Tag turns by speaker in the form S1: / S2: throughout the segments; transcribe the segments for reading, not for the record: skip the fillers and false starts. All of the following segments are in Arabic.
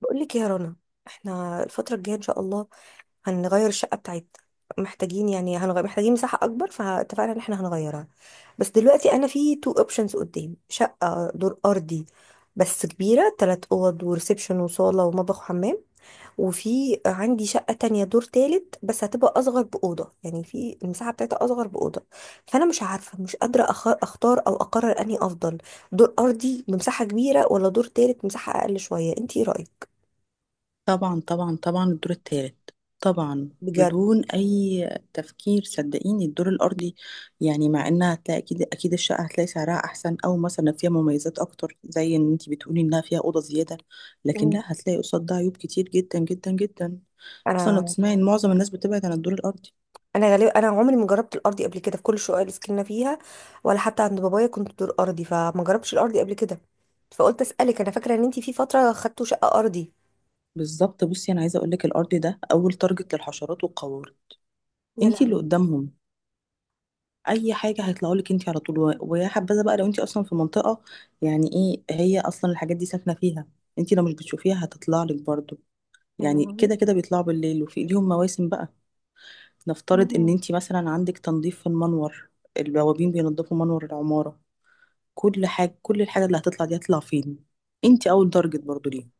S1: بقول لك يا رنا، احنا الفترة الجاية ان شاء الله هنغير الشقة بتاعتنا، محتاجين يعني هنغير، محتاجين مساحة اكبر، فاتفقنا ان احنا هنغيرها. بس دلوقتي انا في تو اوبشنز قدامي، شقة دور ارضي بس كبيرة، تلات اوض وريسبشن وصالة ومطبخ وحمام، وفي عندي شقة تانية دور تالت بس هتبقى اصغر بأوضة، يعني في المساحة بتاعتها اصغر بأوضة. فانا مش عارفة، مش قادرة اختار او اقرر اني افضل دور ارضي بمساحة كبيرة، ولا دور تالت مساحة اقل شوية. انت ايه رأيك؟
S2: طبعا، طبعا، طبعا الدور الثالث. طبعا،
S1: بجد؟
S2: بدون اي تفكير صدقيني الدور الارضي. يعني مع انها هتلاقي اكيد اكيد الشقه هتلاقي سعرها احسن، او مثلا فيها مميزات اكتر، زي ان انت بتقولي انها فيها اوضه زياده. لكن
S1: مم.
S2: لا، هتلاقي قصاد ده عيوب كتير جدا جدا جدا. اصلا لو
S1: انا
S2: تسمعي ان معظم الناس بتبعد عن الدور الارضي.
S1: انا غالبا، انا عمري ما جربت الارضي قبل كده، في كل الشقق اللي سكننا فيها ولا حتى عند بابايا كنت دور ارضي، فما جربتش الارضي قبل كده، فقلت اسالك. انا فاكره ان انت في فتره خدتوا شقه ارضي.
S2: بالظبط، بصي انا عايزه اقول لك، الارضي ده اول تارجت للحشرات والقوارض.
S1: يا
S2: انت اللي
S1: لهوي.
S2: قدامهم، اي حاجه هيطلعوا لك انت على طول. ويا حبذا بقى لو انت اصلا في منطقه، يعني ايه هي اصلا الحاجات دي ساكنه فيها. انت لو مش بتشوفيها هتطلع لك برضو.
S1: يا
S2: يعني كده
S1: لهوي.
S2: كده بيطلعوا بالليل، وفي ليهم مواسم بقى. نفترض ان
S1: مم.
S2: انت مثلا عندك تنظيف في المنور، البوابين بينظفوا منور العماره، كل الحاجه اللي هتطلع دي هتطلع فين؟ انت اول درجه برضو ليه.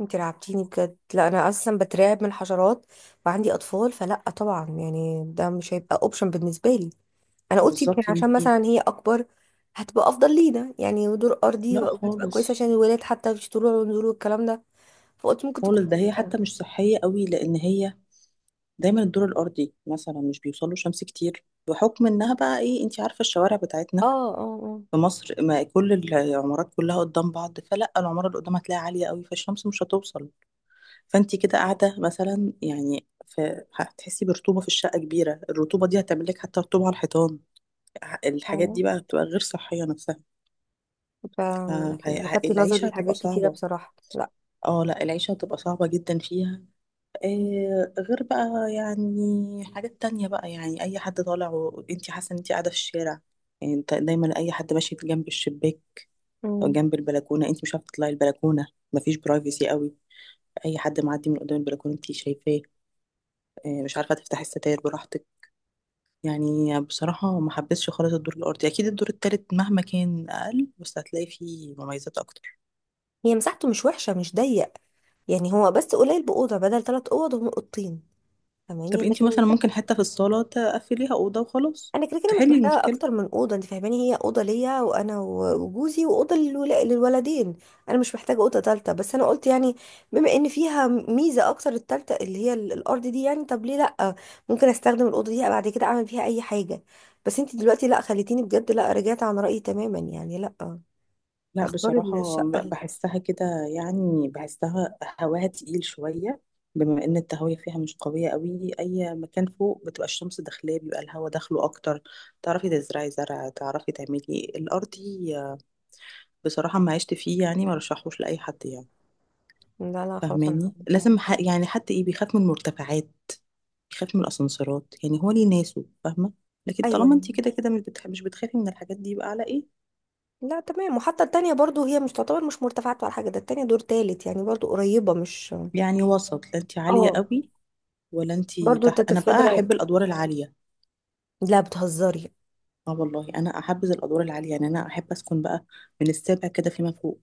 S1: انت رعبتيني بجد. لا انا اصلا بترعب من الحشرات وعندي اطفال، فلا طبعا، يعني ده مش هيبقى اوبشن بالنسبه لي. انا قلت يمكن
S2: بالظبط يا
S1: عشان
S2: بنتي.
S1: مثلا هي اكبر هتبقى افضل لينا يعني، ودور ارضي
S2: لا
S1: هتبقى كويسه
S2: خالص.
S1: عشان الولاد، حتى مش طلوع ونزول والكلام ده، فقلت ممكن
S2: خالص،
S1: تكون.
S2: ده هي حتى مش صحيه قوي، لان هي دايما الدور الارضي مثلا مش بيوصل له شمس كتير، بحكم انها بقى ايه، انت عارفه الشوارع
S1: اه
S2: بتاعتنا
S1: اه اه.
S2: في مصر، ما كل العمارات كلها قدام بعض، فلا العماره اللي قدام هتلاقيها عاليه قوي، فالشمس مش هتوصل. فانت كده قاعده مثلا يعني هتحسي برطوبه في الشقه كبيره، الرطوبه دي هتعمل لك حتى رطوبه على الحيطان. الحاجات
S1: فعلا.
S2: دي بقى بتبقى غير صحيه نفسها،
S1: ف- يعني لفت نظري
S2: فالعيشه هتبقى
S1: لحاجات كتيرة
S2: صعبه.
S1: بصراحة. لا.
S2: اه لا، العيشه هتبقى صعبه جدا فيها. آه، غير بقى يعني حاجات تانية بقى، يعني أي حد طالع وأنت حاسة إن أنت قاعدة في الشارع. يعني أنت دايما أي حد ماشي جنب الشباك أو
S1: مم.
S2: جنب البلكونة، أنت مش عارفة تطلعي البلكونة، مفيش برايفسي قوي. أي حد معدي من قدام البلكونة أنت شايفاه. آه، مش عارفة تفتحي الستاير براحتك. يعني بصراحة ما حبيتش خالص الدور الأرضي. أكيد الدور التالت مهما كان أقل، بس هتلاقي فيه مميزات أكتر.
S1: هي مساحته مش وحشة، مش ضيق، يعني هو بس قليل بأوضة، بدل ثلاث أوض هم أوضتين، فاهماني؟
S2: طب أنت
S1: لكن
S2: مثلا ممكن
S1: المساحة.
S2: حتة في الصالة تقفليها أوضة وخلاص،
S1: انا كده كده مش
S2: تحلي
S1: محتاجه
S2: المشكلة.
S1: اكتر من اوضه، انت فاهماني، هي اوضه ليا، وانا وجوزي، واوضه للولدين. انا مش محتاجه اوضه تالته، بس انا قلت يعني بما ان فيها ميزه اكتر، التالته اللي هي الارض دي، يعني طب ليه لا، ممكن استخدم الاوضه دي بعد كده اعمل فيها اي حاجه. بس انت دلوقتي لا، خليتيني بجد، لا، رجعت عن رايي تماما، يعني لا
S2: لا
S1: اختار
S2: بصراحة،
S1: الشقه ال-.
S2: بحسها كده. يعني بحسها هواها تقيل شوية، بما ان التهوية فيها مش قوية قوي. اي مكان فوق بتبقى الشمس داخلاه، بيبقى الهوا داخله اكتر، تعرفي تزرعي زرع، تعرفي تعملي الارضي. بصراحة ما عشت فيه، يعني ما رشحوش لأي حد يعني.
S1: لا لا خلاص انا
S2: فاهماني
S1: هعمل.
S2: لازم يعني حتى ايه، بيخاف من المرتفعات، بيخاف من الاسانسيرات. يعني هو ليه ناسه فاهمة. لكن
S1: ايوه
S2: طالما انت
S1: يعني.
S2: كده كده مش بتخافي من الحاجات دي، يبقى على ايه.
S1: لا تمام. وحتى التانية برضو هي مش تعتبر مش مرتفعات ولا حاجة، ده التانية دور تالت يعني، برضو قريبة مش.
S2: يعني وسط، لا انت عالية
S1: اه.
S2: قوي ولا انتي
S1: برضو
S2: تحت. انا بقى
S1: تتفادى.
S2: احب الادوار العاليه.
S1: لا بتهزري؟
S2: اه والله انا احبذ الادوار العاليه، يعني انا احب اسكن بقى من السابع كده فيما فوق.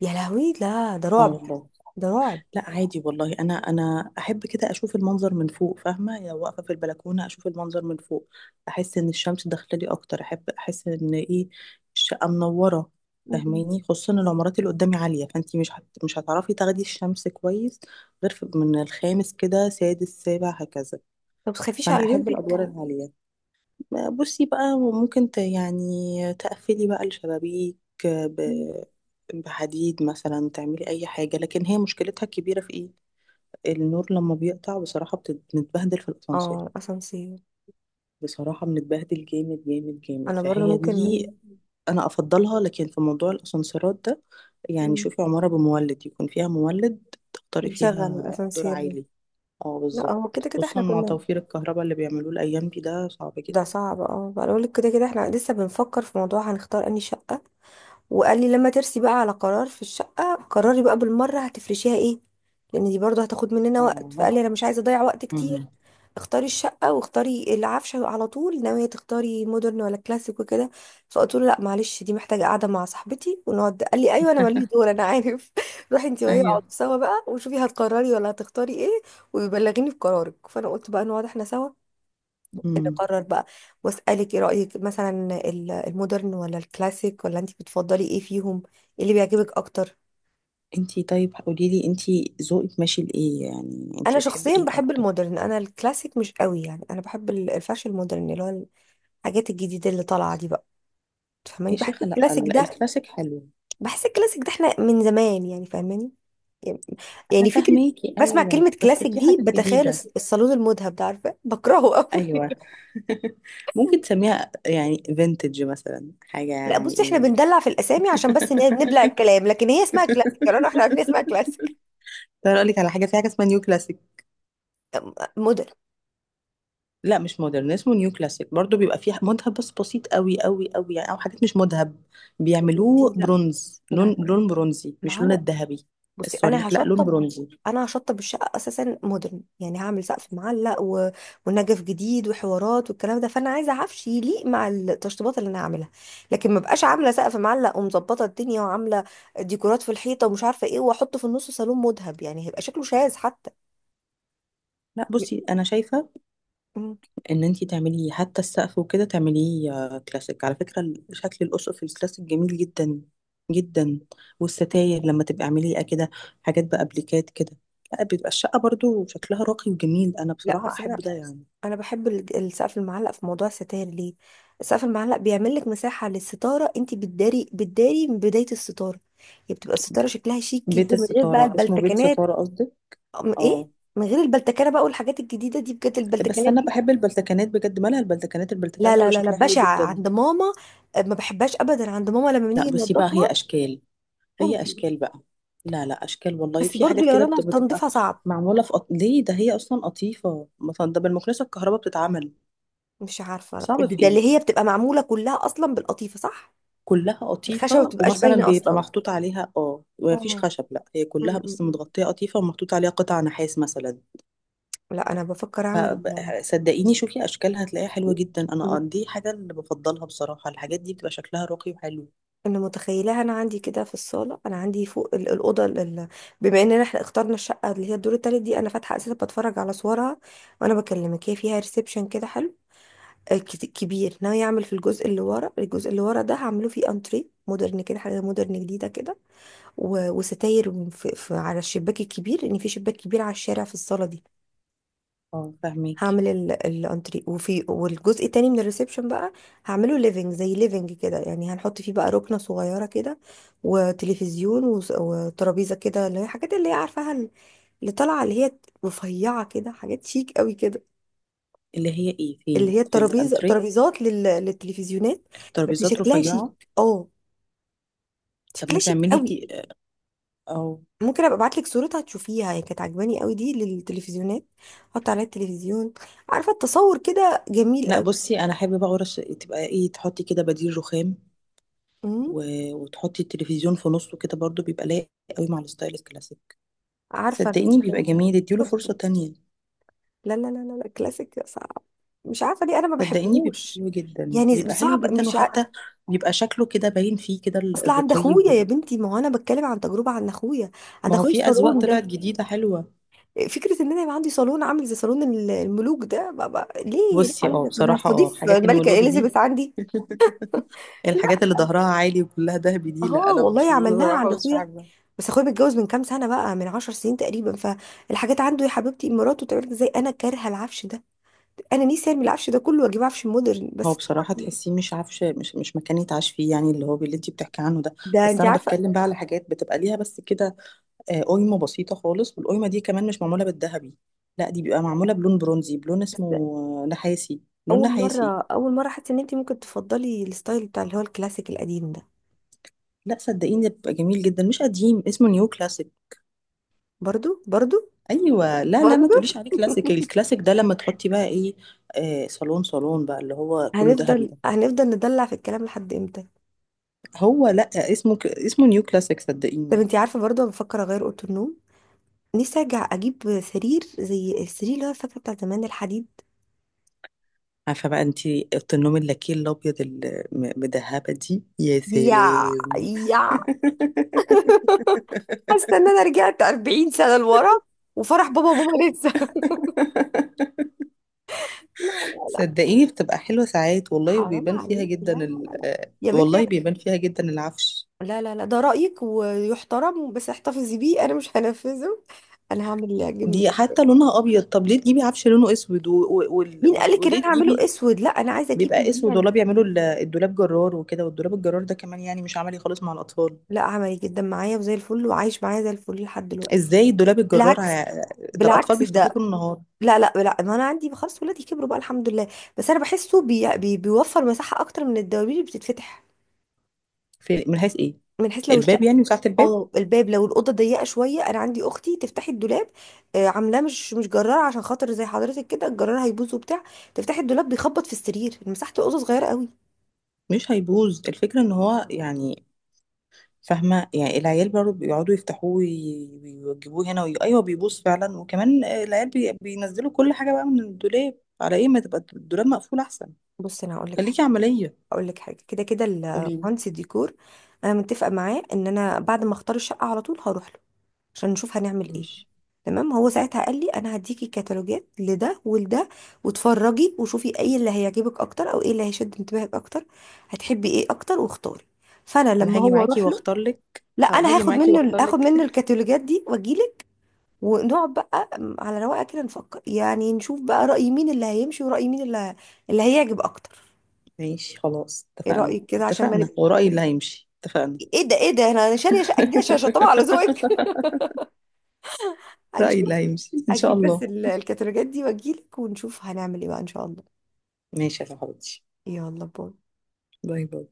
S1: يا لهوي، لا ده
S2: اه
S1: رعب.
S2: والله.
S1: ده رعب.
S2: لا عادي والله، انا احب كده اشوف المنظر من فوق. فاهمه يعني، واقفه في البلكونه اشوف المنظر من فوق، احس ان الشمس داخله لي اكتر. احب احس ان ايه، الشقه منوره.
S1: مم.
S2: فاهماني، خصوصا العمارات اللي قدامي عاليه، فانتي مش هتعرفي تاخدي الشمس كويس، غير من الخامس كده، سادس، سابع، هكذا.
S1: طب تخافيش
S2: فانا
S1: على
S2: احب
S1: بنتك؟
S2: الادوار العاليه. بصي بقى ممكن يعني تقفلي بقى الشبابيك
S1: مم.
S2: ب- بحديد مثلا، تعملي اي حاجة. لكن هي مشكلتها الكبيرة في ايه، النور لما بيقطع بصراحة بنتبهدل في الاسانسير،
S1: اه اسانسير.
S2: بصراحة بنتبهدل جامد جامد جامد.
S1: انا برضو
S2: فهي
S1: ممكن.
S2: دي انا افضلها، لكن في موضوع الاسانسيرات ده. يعني
S1: مم.
S2: شوفي عمارة بمولد، يكون فيها مولد، تختاري
S1: نشغل
S2: فيها دور
S1: الاسانسير ده.
S2: عالي. اه
S1: لا
S2: بالظبط،
S1: هو كده كده
S2: خصوصا
S1: احنا
S2: مع
S1: كنا.
S2: توفير الكهرباء اللي بيعملوه الايام دي، ده صعب
S1: ده
S2: جدا.
S1: صعب، اه. بقول لك كده كده احنا لسه بنفكر في موضوع هنختار اني شقة، وقال لي لما ترسي بقى على قرار في الشقة قرري بقى بالمرة هتفرشيها ايه، لان دي برضه هتاخد مننا وقت،
S2: اه.
S1: فقال لي انا مش عايزة اضيع وقت كتير،
S2: مم.
S1: اختاري الشقة واختاري العفشة على طول، ناوية تختاري مودرن ولا كلاسيك وكده، فقلت له لا معلش، دي محتاجة قعدة مع صاحبتي ونقعد، قال لي ايوه انا ماليش دور انا عارف روحي انت وهي
S2: ايوه.
S1: اقعدوا سوا بقى وشوفي هتقرري ولا هتختاري ايه، وبلغيني بقرارك. فانا قلت بقى نقعد احنا سوا
S2: امم
S1: نقرر بقى، واسالك ايه رايك مثلا، المودرن ولا الكلاسيك، ولا انت بتفضلي ايه فيهم، ايه اللي بيعجبك اكتر؟
S2: انتي طيب قولي لي، انتي ذوقك ماشي لايه، يعني
S1: انا
S2: انتي بتحبي
S1: شخصيا
S2: ايه
S1: بحب
S2: اكتر؟
S1: المودرن، انا الكلاسيك مش قوي يعني، انا بحب الفاشن المودرن، اللي هو الحاجات الجديده اللي طالعه دي بقى، تفهماني؟
S2: يا
S1: بحس
S2: شيخه لا،
S1: الكلاسيك ده،
S2: الكلاسيك حلو.
S1: بحس الكلاسيك ده احنا من زمان يعني، فاهماني؟ يعني،
S2: انا
S1: يعني فكره،
S2: فاهماكي
S1: بسمع
S2: ايوه،
S1: كلمه
S2: بس
S1: كلاسيك
S2: في
S1: دي
S2: حاجات
S1: بتخيل
S2: جديده.
S1: الصالون المذهب ده، عارفه بكرهه قوي
S2: ايوه. ممكن تسميها يعني فينتج مثلا، حاجه
S1: لا
S2: يعني
S1: بصي، احنا
S2: ايه.
S1: بندلع في الاسامي عشان بس نبلع الكلام، لكن هي اسمها كلاسيك، يعني احنا عارفين اسمها كلاسيك.
S2: ترى اقول لك على حاجه، في حاجه اسمها نيو.
S1: مدن.
S2: لا مش مودرن، اسمه نيو كلاسيك. برضو بيبقى فيه مذهب بس بسيط قوي قوي قوي، يعني او حاجات مش مذهب،
S1: مدينتي،
S2: بيعملوه
S1: لا
S2: برونز،
S1: لا
S2: لون
S1: لا لا،
S2: لون برونزي،
S1: ما
S2: مش
S1: هو
S2: لون
S1: انا،
S2: الذهبي
S1: بصي انا
S2: الصريح. لا، لون
S1: هشطب،
S2: برونزي.
S1: انا هشطب الشقه اساسا مودرن، يعني هعمل سقف معلق، و... ونجف جديد وحوارات والكلام ده، فانا عايزه عفش يليق مع التشطيبات اللي انا هعملها، لكن ما بقاش عامله سقف معلق ومظبطه الدنيا وعامله ديكورات في الحيطه ومش عارفه ايه، واحط في النص صالون مذهب، يعني هيبقى شكله شاذ حتى.
S2: لا بصي انا شايفه
S1: م-
S2: ان انتي تعمليه، حتى السقف وكده تعمليه كلاسيك. على فكره شكل الاسقف الكلاسيك جميل جدا جدا. والستاير لما تبقى اعمليه كده، حاجات بابليكات كده، لا بيبقى الشقه برضو شكلها راقي وجميل. انا
S1: لا
S2: بصراحه
S1: بس
S2: احب
S1: انا،
S2: ده يعني.
S1: انا بحب السقف المعلق. في موضوع الستاير ليه، السقف المعلق بيعمل لك مساحه للستاره، انت بتداري من بدايه الستاره، هي بتبقى الستاره شكلها شيك
S2: بيت
S1: جدا من غير بقى
S2: الستاره، اسمه بيت
S1: البلتكنات.
S2: ستاره قصدي.
S1: ايه.
S2: اه،
S1: من غير البلتكنه بقى، والحاجات الجديده دي بجد،
S2: بس
S1: البلتكنات
S2: انا
S1: دي.
S2: بحب البلتكانات بجد. مالها البلتكانات؟
S1: لا
S2: البلتكانات
S1: لا
S2: بيبقى
S1: لا لا،
S2: شكلها حلو
S1: بشعه
S2: جدا.
S1: عند ماما، أه، ما بحبهاش ابدا عند ماما لما
S2: لا
S1: بنيجي
S2: بصي بقى، هي
S1: ننضفها.
S2: اشكال، هي
S1: ممكن.
S2: اشكال بقى، لا لا، اشكال والله.
S1: بس
S2: في
S1: برضو
S2: حاجات
S1: يا
S2: كده
S1: رنا
S2: بتبقى
S1: تنظيفها صعب.
S2: ليه ده، هي اصلا قطيفه مثلا، ده بالمكنسه الكهرباء بتتعمل.
S1: مش عارفه،
S2: صعب
S1: ده
S2: في
S1: ده اللي
S2: ايه،
S1: هي بتبقى معموله كلها اصلا بالقطيفه، صح؟
S2: كلها
S1: الخشبه ما
S2: قطيفه،
S1: بتبقاش
S2: ومثلا
S1: باينه
S2: بيبقى
S1: اصلا،
S2: محطوط عليها، اه مفيش
S1: اه.
S2: خشب، لا هي كلها بس متغطيه قطيفه، ومحطوط عليها قطع نحاس مثلا.
S1: لا انا بفكر
S2: ف-
S1: اعمل.
S2: ب- صدقيني شوفي اشكالها، هتلاقيها حلوه جدا. انا
S1: مت-
S2: دي حاجه اللي بفضلها بصراحه. الحاجات دي بتبقى شكلها راقي وحلو.
S1: انا متخيلها، انا عندي كده في الصاله، انا عندي فوق الاوضه بما اننا احنا اخترنا الشقه اللي هي الدور التالت دي، انا فاتحه اساسا بتفرج على صورها وانا بكلمك، هي فيها ريسبشن كده حلو، آه، كبير. ناوي اعمل في الجزء اللي ورا، الجزء اللي ورا ده هعمله فيه انتري مودرن كده، حاجه مودرن جديده كده، وستاير في على الشباك الكبير، لان في شباك كبير على الشارع في الصاله دي.
S2: اه فاهمك.
S1: هعمل الانتري، وفي والجزء التاني من الريسبشن بقى هعمله ليفنج زي ليفنج كده يعني، هنحط فيه بقى ركنة صغيرة كده وتلفزيون وترابيزة كده، اللي هي الحاجات اللي هي عارفاها، اللي طالعة اللي هي رفيعة كده، حاجات شيك قوي كده.
S2: اللي هي ايه
S1: اللي هي
S2: فين، في
S1: الترابيزة،
S2: الانتريه؟
S1: ترابيزات للتلفزيونات، بس
S2: ترابيزات
S1: شكلها شيك،
S2: رفيعه.
S1: اه،
S2: طب ما
S1: شكلها شيك
S2: تعملي
S1: قوي.
S2: او،
S1: ممكن ابقى ابعت لك صورتها تشوفيها، هي كانت عجباني قوي دي للتلفزيونات، احط عليها التلفزيون، عارفة التصور كده جميل
S2: لا بصي انا حابه بقى، ورش تبقى ايه، تحطي كده بديل رخام،
S1: قوي،
S2: و... وتحطي التلفزيون في نصه كده، برضو بيبقى لايق قوي مع الستايل الكلاسيك.
S1: عارفة
S2: صدقيني بيبقى
S1: الستايل ده؟
S2: جميل، اديله
S1: شفته.
S2: فرصه تانية.
S1: لا لا لا لا لا، كلاسيك صعب، مش عارفة ليه أنا ما
S2: صدقيني بيبقى
S1: بحبهوش،
S2: حلو جدا،
S1: يعني
S2: بيبقى حلو
S1: صعب
S2: جدا،
S1: مش ع...
S2: وحتى بيبقى شكله كده باين فيه كده
S1: أصل عند
S2: الرقي
S1: أخويا يا بنتي، ما هو أنا بتكلم عن تجربة، عند أخويا، عند
S2: ما هو
S1: أخويا
S2: في اذواق
S1: الصالون
S2: طلعت
S1: ده،
S2: جديده حلوه.
S1: فكرة إن أنا يبقى عندي صالون عامل زي صالون الملوك ده، بابا ليه، ليه
S2: بصي
S1: حضرتك، أنا
S2: بصراحه
S1: هستضيف
S2: حاجات
S1: الملكة
S2: المولوج دي.
S1: إليزابيث عندي؟
S2: الحاجات اللي
S1: لا.
S2: ظهرها عالي وكلها دهبي دي، لا
S1: اه
S2: انا
S1: والله عملناها عند
S2: بصراحه مش
S1: أخويا،
S2: بحبها.
S1: بس أخويا متجوز من كام سنة بقى، من عشر سنين تقريبا، فالحاجات عنده يا حبيبتي مراته تعمل، زي أنا كارهة العفش ده، انا نفسي ارمي العفش ده كله واجيب عفش مودرن،
S2: هو
S1: بس
S2: بصراحة
S1: طبعا
S2: تحسيه مش عارفة، مش مكان يتعاش فيه يعني، اللي هو اللي انت بتحكي عنه ده.
S1: ده
S2: بس
S1: انت
S2: أنا
S1: عارفه.
S2: بتكلم بقى على حاجات بتبقى ليها بس كده، قايمة بسيطة خالص، والقايمة دي كمان مش معمولة بالذهبي، لا دي بيبقى معمولة بلون برونزي، بلون اسمه
S1: بس
S2: نحاسي، لون
S1: اول مره
S2: نحاسي.
S1: اول مره حاسه ان انت ممكن تفضلي الستايل بتاع اللي هو الكلاسيك القديم ده.
S2: لا صدقيني ده بيبقى جميل جدا، مش قديم، اسمه نيو كلاسيك.
S1: برضو، برضو،
S2: أيوة لا لا، ما
S1: برضو
S2: تقوليش عليه كلاسيك، الكلاسيك ده لما تحطي بقى ايه صالون، صالون بقى اللي هو كله ذهبي ده.
S1: هنفضل ندلع في الكلام لحد امتى؟
S2: هو لا، اسمه نيو كلاسيك
S1: طب
S2: صدقيني.
S1: انت عارفه، برضو انا بفكر اغير اوضه النوم، نفسي ارجع اجيب سرير زي السرير اللي هو فاكره بتاع زمان الحديد.
S2: عارفه بقى انت اوضه النوم اللاكيه الابيض المدهبه دي، يا
S1: يا
S2: سلام.
S1: يا حاسه ان انا رجعت 40 سنه لورا وفرح بابا وماما لسه لا لا لا،
S2: صدقيني بتبقى حلوه ساعات والله،
S1: حرام
S2: وبيبان فيها
S1: عليك، لا
S2: جدا
S1: لا لا لا، يا بنتي،
S2: والله بيبان فيها جدا العفش.
S1: لا لا لا، ده رأيك ويحترم بس احتفظي بيه، انا مش هنفذه، انا هعمل اللي يعجبني
S2: دي
S1: كده.
S2: حتى لونها ابيض، طب ليه تجيبي عفش لونه اسود،
S1: مين قالك ان انا
S2: وليه
S1: هعمله
S2: تجيبي؟
S1: اسود؟ لا انا عايزه اجيب
S2: بيبقى
S1: اللي هي
S2: اسود والله،
S1: ال-.
S2: بيعملوا الدولاب جرار وكده. والدولاب الجرار ده كمان يعني مش عملي خالص مع الاطفال.
S1: لا عملي جدا معايا وزي الفل، وعايش معايا زي الفل لحد دلوقتي،
S2: ازاي الدولاب الجرار
S1: بالعكس،
S2: ده الاطفال
S1: بالعكس
S2: بيفتحوه
S1: ده.
S2: طول النهار؟
S1: لا لا لا، ما انا عندي خلاص ولادي كبروا بقى الحمد لله، بس انا بحسه بي بي بيوفر مساحه اكتر من الدواليب اللي بتتفتح.
S2: في من حيث ايه،
S1: من حيث لو
S2: الباب
S1: الشقه،
S2: يعني، وساعة الباب
S1: اه الباب، لو الاوضه ضيقه شويه، انا عندي اختي تفتحي الدولاب، آه، عاملاه مش جرار عشان خاطر زي حضرتك كده، الجرار هيبوظ وبتاع، تفتحي الدولاب بيخبط في السرير، مساحه الاوضه صغيره قوي.
S2: مش هيبوظ. الفكرة ان هو يعني، فاهمة يعني، العيال برضه بيقعدوا يفتحوه ويوجبوه هنا ايوه بيبوظ فعلا، وكمان العيال بينزلوا كل حاجة بقى من الدولاب، على ايه ما تبقى الدولاب مقفول احسن.
S1: بص انا هقول لك حاجه،
S2: خليكي عملية.
S1: كده كده
S2: قوليلي.
S1: المهندس الديكور، انا متفقه معاه ان انا بعد ما اختار الشقه على طول هروح له عشان نشوف هنعمل ايه.
S2: ماشي.
S1: تمام، هو ساعتها قال لي انا هديكي كتالوجات لده ولده، واتفرجي وشوفي ايه اللي هيعجبك اكتر، او ايه اللي هيشد انتباهك اكتر، هتحبي ايه اكتر واختاري. فانا
S2: انا
S1: لما
S2: هاجي
S1: هو
S2: معاكي
S1: اروح له،
S2: واختار لك،
S1: لا انا
S2: هاجي
S1: هاخد
S2: معاكي
S1: منه
S2: واختار
S1: هاخد
S2: لك.
S1: منه الكتالوجات دي واجيلك، ونقعد بقى على رواقه كده نفكر يعني، نشوف بقى رأي مين اللي هيمشي ورأي مين اللي اللي هيعجب اكتر.
S2: ماشي خلاص،
S1: ايه
S2: اتفقنا،
S1: رأيك كده عشان ما
S2: اتفقنا،
S1: نبقى،
S2: ورأيي اللي هيمشي، اتفقنا.
S1: ايه ده ايه ده، انا شاريه شقه جديده عشان طبعا على ذوقك
S2: رأيي
S1: هنشوف.
S2: اللي هيمشي إن شاء
S1: اجيب بس
S2: الله.
S1: الكتالوجات دي واجيلك ونشوف هنعمل ايه بقى ان شاء الله.
S2: ماشي يا صاحبتي.
S1: يلا باي.
S2: باي باي.